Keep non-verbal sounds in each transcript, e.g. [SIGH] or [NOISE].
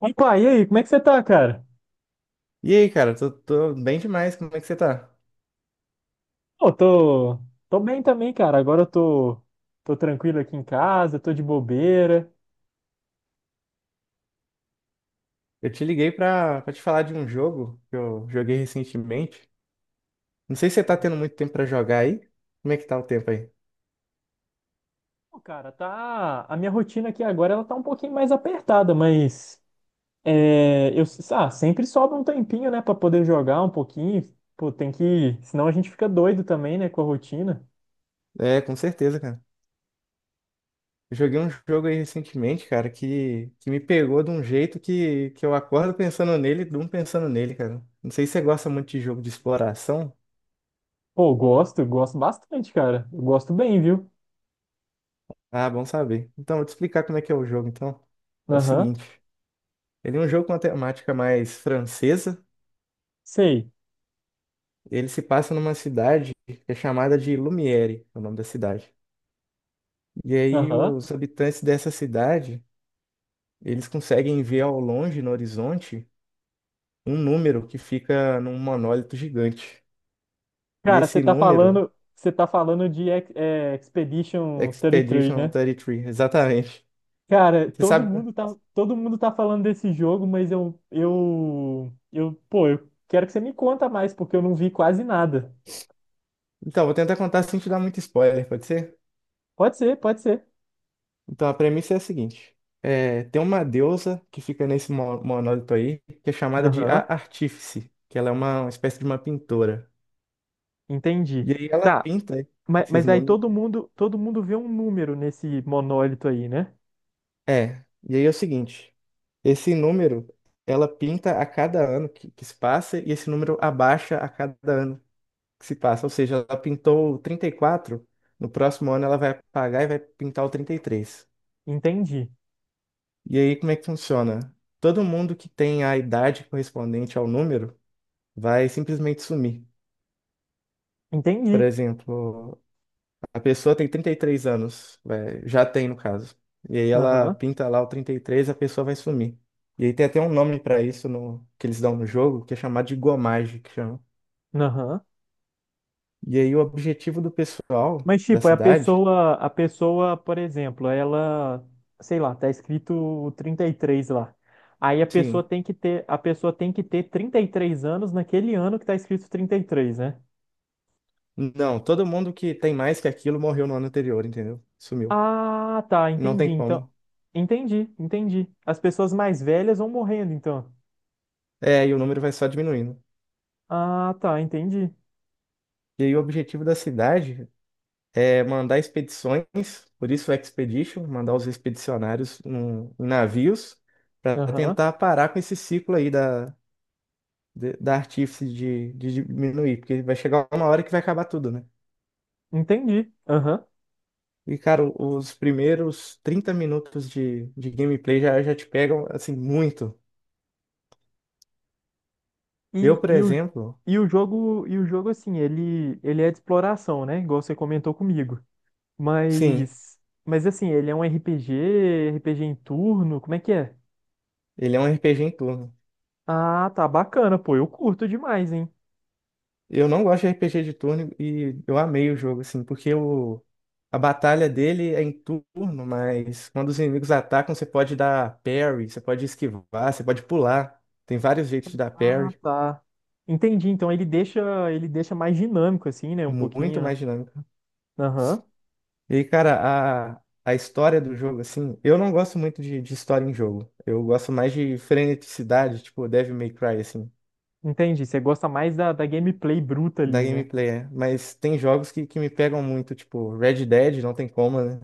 Opa, e aí, como é que você tá, cara? E aí, cara, tô bem demais, como é que você tá? Pô, tô bem também, cara. Agora eu tô tranquilo aqui em casa, tô de bobeira. Eu te liguei pra te falar de um jogo que eu joguei recentemente. Não sei se você tá tendo muito tempo pra jogar aí. Como é que tá o tempo aí? Pô, cara, tá. A minha rotina aqui agora ela tá um pouquinho mais apertada, mas é, eu, sempre sobra um tempinho, né, pra poder jogar um pouquinho. Pô, tem que. Senão a gente fica doido também, né, com a rotina. É, com certeza, cara. Eu joguei um jogo aí recentemente, cara, que me pegou de um jeito que eu acordo pensando nele e durmo pensando nele, cara. Não sei se você gosta muito de jogo de exploração. Pô, gosto bastante, cara. Eu gosto bem, viu? Ah, bom saber. Então, vou te explicar como é que é o jogo, então. É o Aham, seguinte, ele é um jogo com uma temática mais francesa. sei. Ele se passa numa cidade que é chamada de Lumiere, é o nome da cidade. E aí Aham. os habitantes dessa cidade, eles conseguem ver ao longe, no horizonte, um número que fica num monólito gigante. E Cara, você esse tá número, falando, você tá falando de Expedition Expedition 33, né? 33, exatamente. Cara, Você todo sabe? mundo tá, todo mundo tá falando desse jogo, mas pô, eu quero que você me conta mais, porque eu não vi quase nada. Então, vou tentar contar sem te dar muito spoiler, pode ser? Pode ser, pode ser. Então, a premissa é a seguinte. É, tem uma deusa que fica nesse monólito aí, que é chamada de A Aham, Artífice, que ela é uma espécie de uma pintora. entendi. E aí ela Tá, pinta mas, esses mas aí números. todo mundo vê um número nesse monólito aí, né? É, e aí é o seguinte, esse número, ela pinta a cada ano que se passa e esse número abaixa a cada ano que se passa. Ou seja, ela pintou o 34, no próximo ano ela vai apagar e vai pintar o 33. E três. Entendi, E aí como é que funciona? Todo mundo que tem a idade correspondente ao número vai simplesmente sumir. Por entendi. exemplo, a pessoa tem 33 anos, já tem no caso. E aí ela Aham, pinta lá o 33, a pessoa vai sumir. E aí tem até um nome pra isso que eles dão no jogo, que é chamado de gomagem, que chama. aham. E aí o objetivo do pessoal Mas, da tipo, é a cidade, pessoa, a pessoa, por exemplo, ela, sei lá, tá escrito 33 lá. Aí a pessoa sim, tem que ter, a pessoa tem que ter 33 anos naquele ano que tá escrito 33, né? não, todo mundo que tem mais que aquilo morreu no ano anterior, entendeu? Sumiu. Ah, tá, Não entendi. tem Então, como. entendi, entendi. As pessoas mais velhas vão morrendo, então. É, e o número vai só diminuindo. Ah, tá, entendi. E aí o objetivo da cidade é mandar expedições, por isso expedition, mandar os expedicionários em navios para Aham, tentar parar com esse ciclo aí da artífice de diminuir, porque vai chegar uma hora que vai acabar tudo, né? entendi. Aham. E, cara, os primeiros 30 minutos de gameplay já te pegam, assim, muito. Eu, E, por e o, exemplo, e o jogo assim, ele é de exploração, né? Igual você comentou comigo. sim, Mas assim, ele é um RPG em turno, como é que é? ele é um RPG em turno. Ah, tá bacana, pô, eu curto demais, hein? Eu não gosto de RPG de turno e eu amei o jogo, assim, porque a batalha dele é em turno, mas quando os inimigos atacam, você pode dar parry, você pode esquivar, você pode pular. Tem vários jeitos de dar Ah, parry, tá. Entendi, então ele deixa mais dinâmico assim, né, um muito pouquinho, né? mais dinâmico. Aham. E, cara, a história do jogo, assim, eu não gosto muito de história em jogo. Eu gosto mais de freneticidade, tipo Devil May Cry, assim, Entendi, você gosta mais da gameplay bruta da ali, né? gameplay, é. Mas tem jogos que me pegam muito, tipo Red Dead, não tem como, né?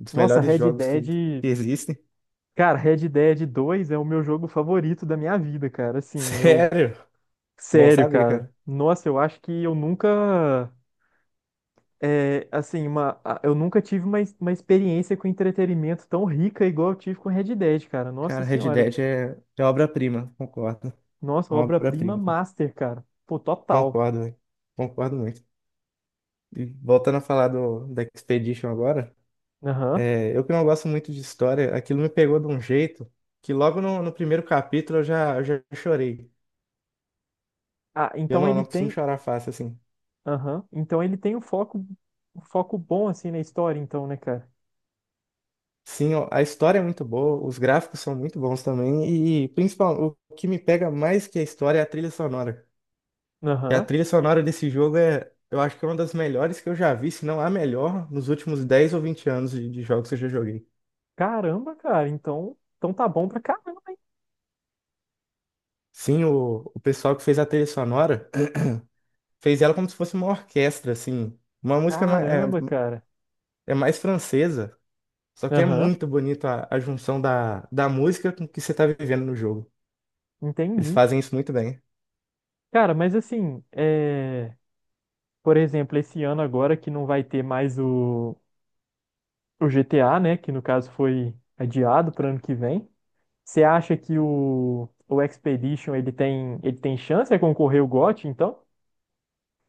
Um dos Nossa, melhores Red jogos que Dead, que existem. cara, Red Dead 2 é o meu jogo favorito da minha vida, cara. Assim, eu, Sério? Bom sério, saber, cara. cara. Nossa, eu acho que eu nunca. É, assim, eu nunca tive uma experiência com entretenimento tão rica igual eu tive com Red Dead, cara. Nossa Cara, Red senhora. Dead é obra-prima, concordo. É Nossa, uma obra-prima obra-prima, cara. master, cara. Pô, total. Concordo, velho. Concordo muito. E voltando a falar do, da Expedition agora, Aham. é, eu que não gosto muito de história, aquilo me pegou de um jeito que logo no primeiro capítulo eu já chorei. Ah, E eu então não, ele não costumo tem. chorar fácil, assim. Aham. Então ele tem um foco bom, assim, na história, então, né, cara? Sim, ó, a história é muito boa, os gráficos são muito bons também, e principalmente o que me pega mais que a história é a trilha sonora. E a Aham. trilha sonora desse jogo é, eu acho que é uma das melhores que eu já vi, se não a melhor, nos últimos 10 ou 20 anos de jogos que eu já joguei. Caramba, cara. Então tá bom pra caramba, hein? Sim, o pessoal que fez a trilha sonora [CLEARS THROAT] fez ela como se fosse uma orquestra, assim. É, Caramba, cara. é mais francesa, só que é Aham. muito bonito a junção da música com o que você tá vivendo no jogo. Eles Entendi. fazem isso muito bem. Cara, mas assim, por exemplo, esse ano agora que não vai ter mais o GTA, né, que no caso foi adiado para ano que vem. Você acha que o Expedition ele tem chance de concorrer ao GOT, então?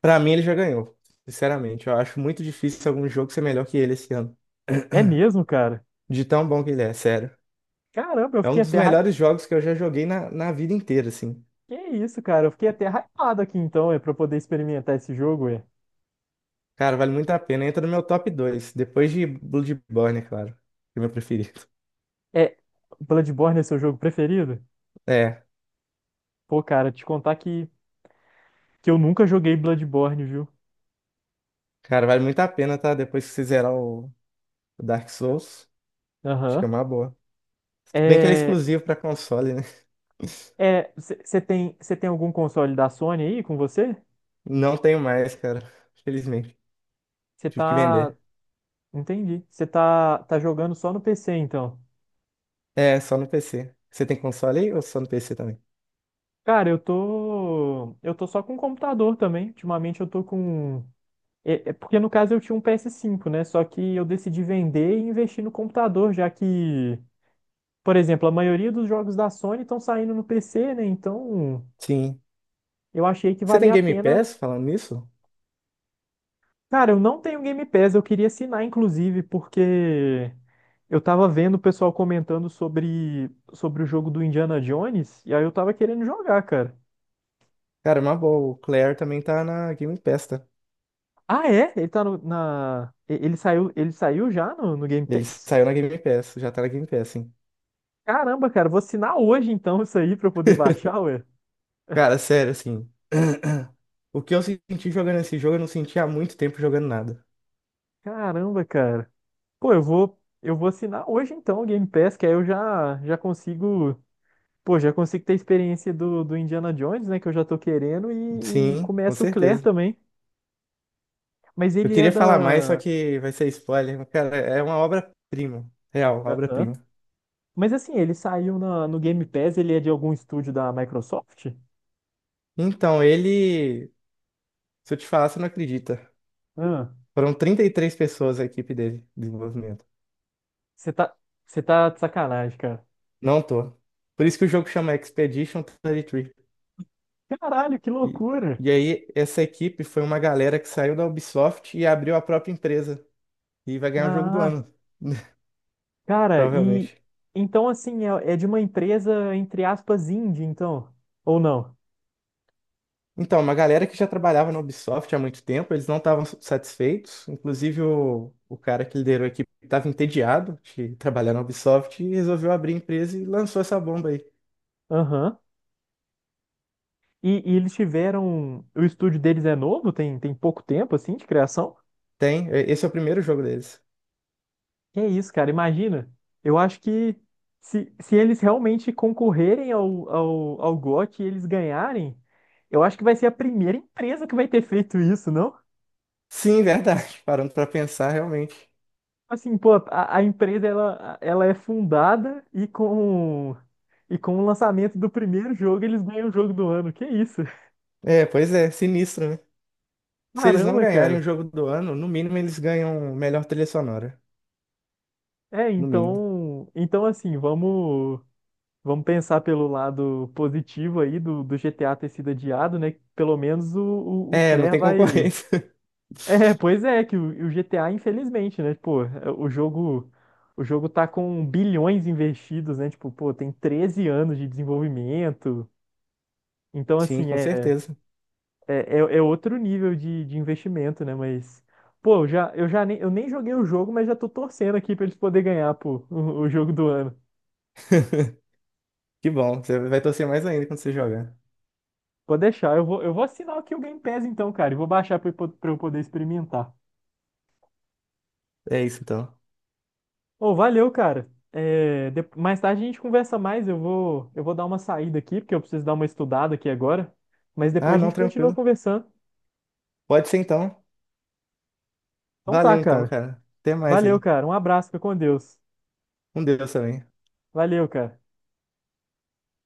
Pra mim, ele já ganhou, sinceramente. Eu acho muito difícil algum jogo ser melhor que ele esse ano. É mesmo, cara. De tão bom que ele é, sério. Caramba, eu É um fiquei dos até hype. melhores jogos que eu já joguei na vida inteira, assim. Que isso, cara? Eu fiquei até hypado aqui então, é para poder experimentar esse jogo. Cara, vale muito a pena. Entra no meu top 2, depois de Bloodborne, é claro, que é o meu preferido. [LAUGHS] É Bloodborne é seu jogo preferido? É, Pô, cara, te contar que eu nunca joguei Bloodborne, viu? cara, vale muito a pena, tá? Depois que você zerar o Dark Souls, acho que é Aham. uma boa. Bem que ele é É, exclusivo pra console, né? [LAUGHS] Você tem algum console da Sony aí com você? Não tenho mais, cara. Felizmente. Você Tive que tá. vender. Entendi. Você tá jogando só no PC, então. É, só no PC. Você tem console aí ou só no PC também? Cara, eu tô. Eu tô só com computador também. Ultimamente eu tô com. É porque no caso eu tinha um PS5, né? Só que eu decidi vender e investir no computador, já que, por exemplo, a maioria dos jogos da Sony estão saindo no PC, né? Então Sim. eu achei que Você tem valia a Game pena. Pass falando nisso? Cara, eu não tenho Game Pass, eu queria assinar, inclusive, porque eu tava vendo o pessoal comentando sobre o jogo do Indiana Jones, e aí eu tava querendo jogar, cara. Cara, é uma boa. O Claire também tá na Game Pass, tá? Ah, é? Ele tá no, na. E- Ele saiu já no Game Ele Pass? saiu na Game Pass, já tá na Game Pass, hein? Caramba, cara, vou assinar hoje então isso aí pra eu poder baixar, [LAUGHS] ué. Cara, sério, assim. [CLEARS THROAT] O que eu senti jogando esse jogo, eu não senti há muito tempo jogando nada. Caramba, cara. Pô, eu vou assinar hoje então o Game Pass, que aí eu já consigo. Pô, já consigo ter a experiência do Indiana Jones, né? Que eu já tô querendo, e Sim, com começa o Claire certeza. também. Mas Eu ele é queria falar mais, só da. que vai ser spoiler. Mas, cara, é uma obra-prima. Real, uma Aham. obra-prima. Mas assim, ele saiu no Game Pass, ele é de algum estúdio da Microsoft? Então, ele. Se eu te falar, você não acredita. Ah, Foram 33 pessoas a equipe dele, de desenvolvimento. você tá, você tá de sacanagem, cara. Não tô. Por isso que o jogo chama Expedition 33. E, Caralho, que três. Loucura! E aí, essa equipe foi uma galera que saiu da Ubisoft e abriu a própria empresa. E vai ganhar o jogo do Ah, ano, cara, e provavelmente. então assim, é de uma empresa, entre aspas, indie, então, ou não? Então, uma galera que já trabalhava na Ubisoft há muito tempo, eles não estavam satisfeitos. Inclusive, o cara que liderou a equipe estava entediado de trabalhar na Ubisoft e resolveu abrir a empresa e lançou essa bomba aí. Aham. E eles tiveram. O estúdio deles é novo, tem pouco tempo, assim, de criação. Tem, esse é o primeiro jogo deles. Que é isso, cara, imagina. Eu acho que se eles realmente concorrerem ao GOT e eles ganharem, eu acho que vai ser a primeira empresa que vai ter feito isso, não? Sim, verdade. [LAUGHS] Parando pra pensar, realmente. Assim, pô, a empresa ela é fundada e com o lançamento do primeiro jogo eles ganham o jogo do ano. Que isso? É, pois é, sinistro, né? [LAUGHS] Se eles não Caramba, ganharem cara. o jogo do ano, no mínimo eles ganham melhor trilha sonora. É, No mínimo. então assim, vamos pensar pelo lado positivo aí do GTA ter sido adiado, né? Pelo menos o É, não Claire tem vai. [LAUGHS] concorrência. [LAUGHS] É, pois é, que o GTA, infelizmente, né? Pô, é, o jogo tá com bilhões investidos, né? Tipo, pô, tem 13 anos de desenvolvimento. Então, Sim, assim, com é. certeza. É outro nível de investimento, né? Mas, pô, eu nem joguei o jogo, mas já tô torcendo aqui pra eles poderem ganhar, pô, o jogo do ano. [LAUGHS] Que bom, você vai torcer mais ainda quando você jogar. Pode deixar, eu vou assinar aqui o Game Pass então, cara, e vou baixar pra, pra eu poder experimentar. É isso então. Ô, valeu, cara. É, mais tarde a gente conversa mais, eu vou dar uma saída aqui, porque eu preciso dar uma estudada aqui agora. Mas Ah, depois a não, gente continua tranquilo. conversando. Pode ser então. Então tá, Valeu então, cara. cara. Até mais Valeu, aí. cara. Um abraço, fica com Deus. Com Deus também. Valeu, cara.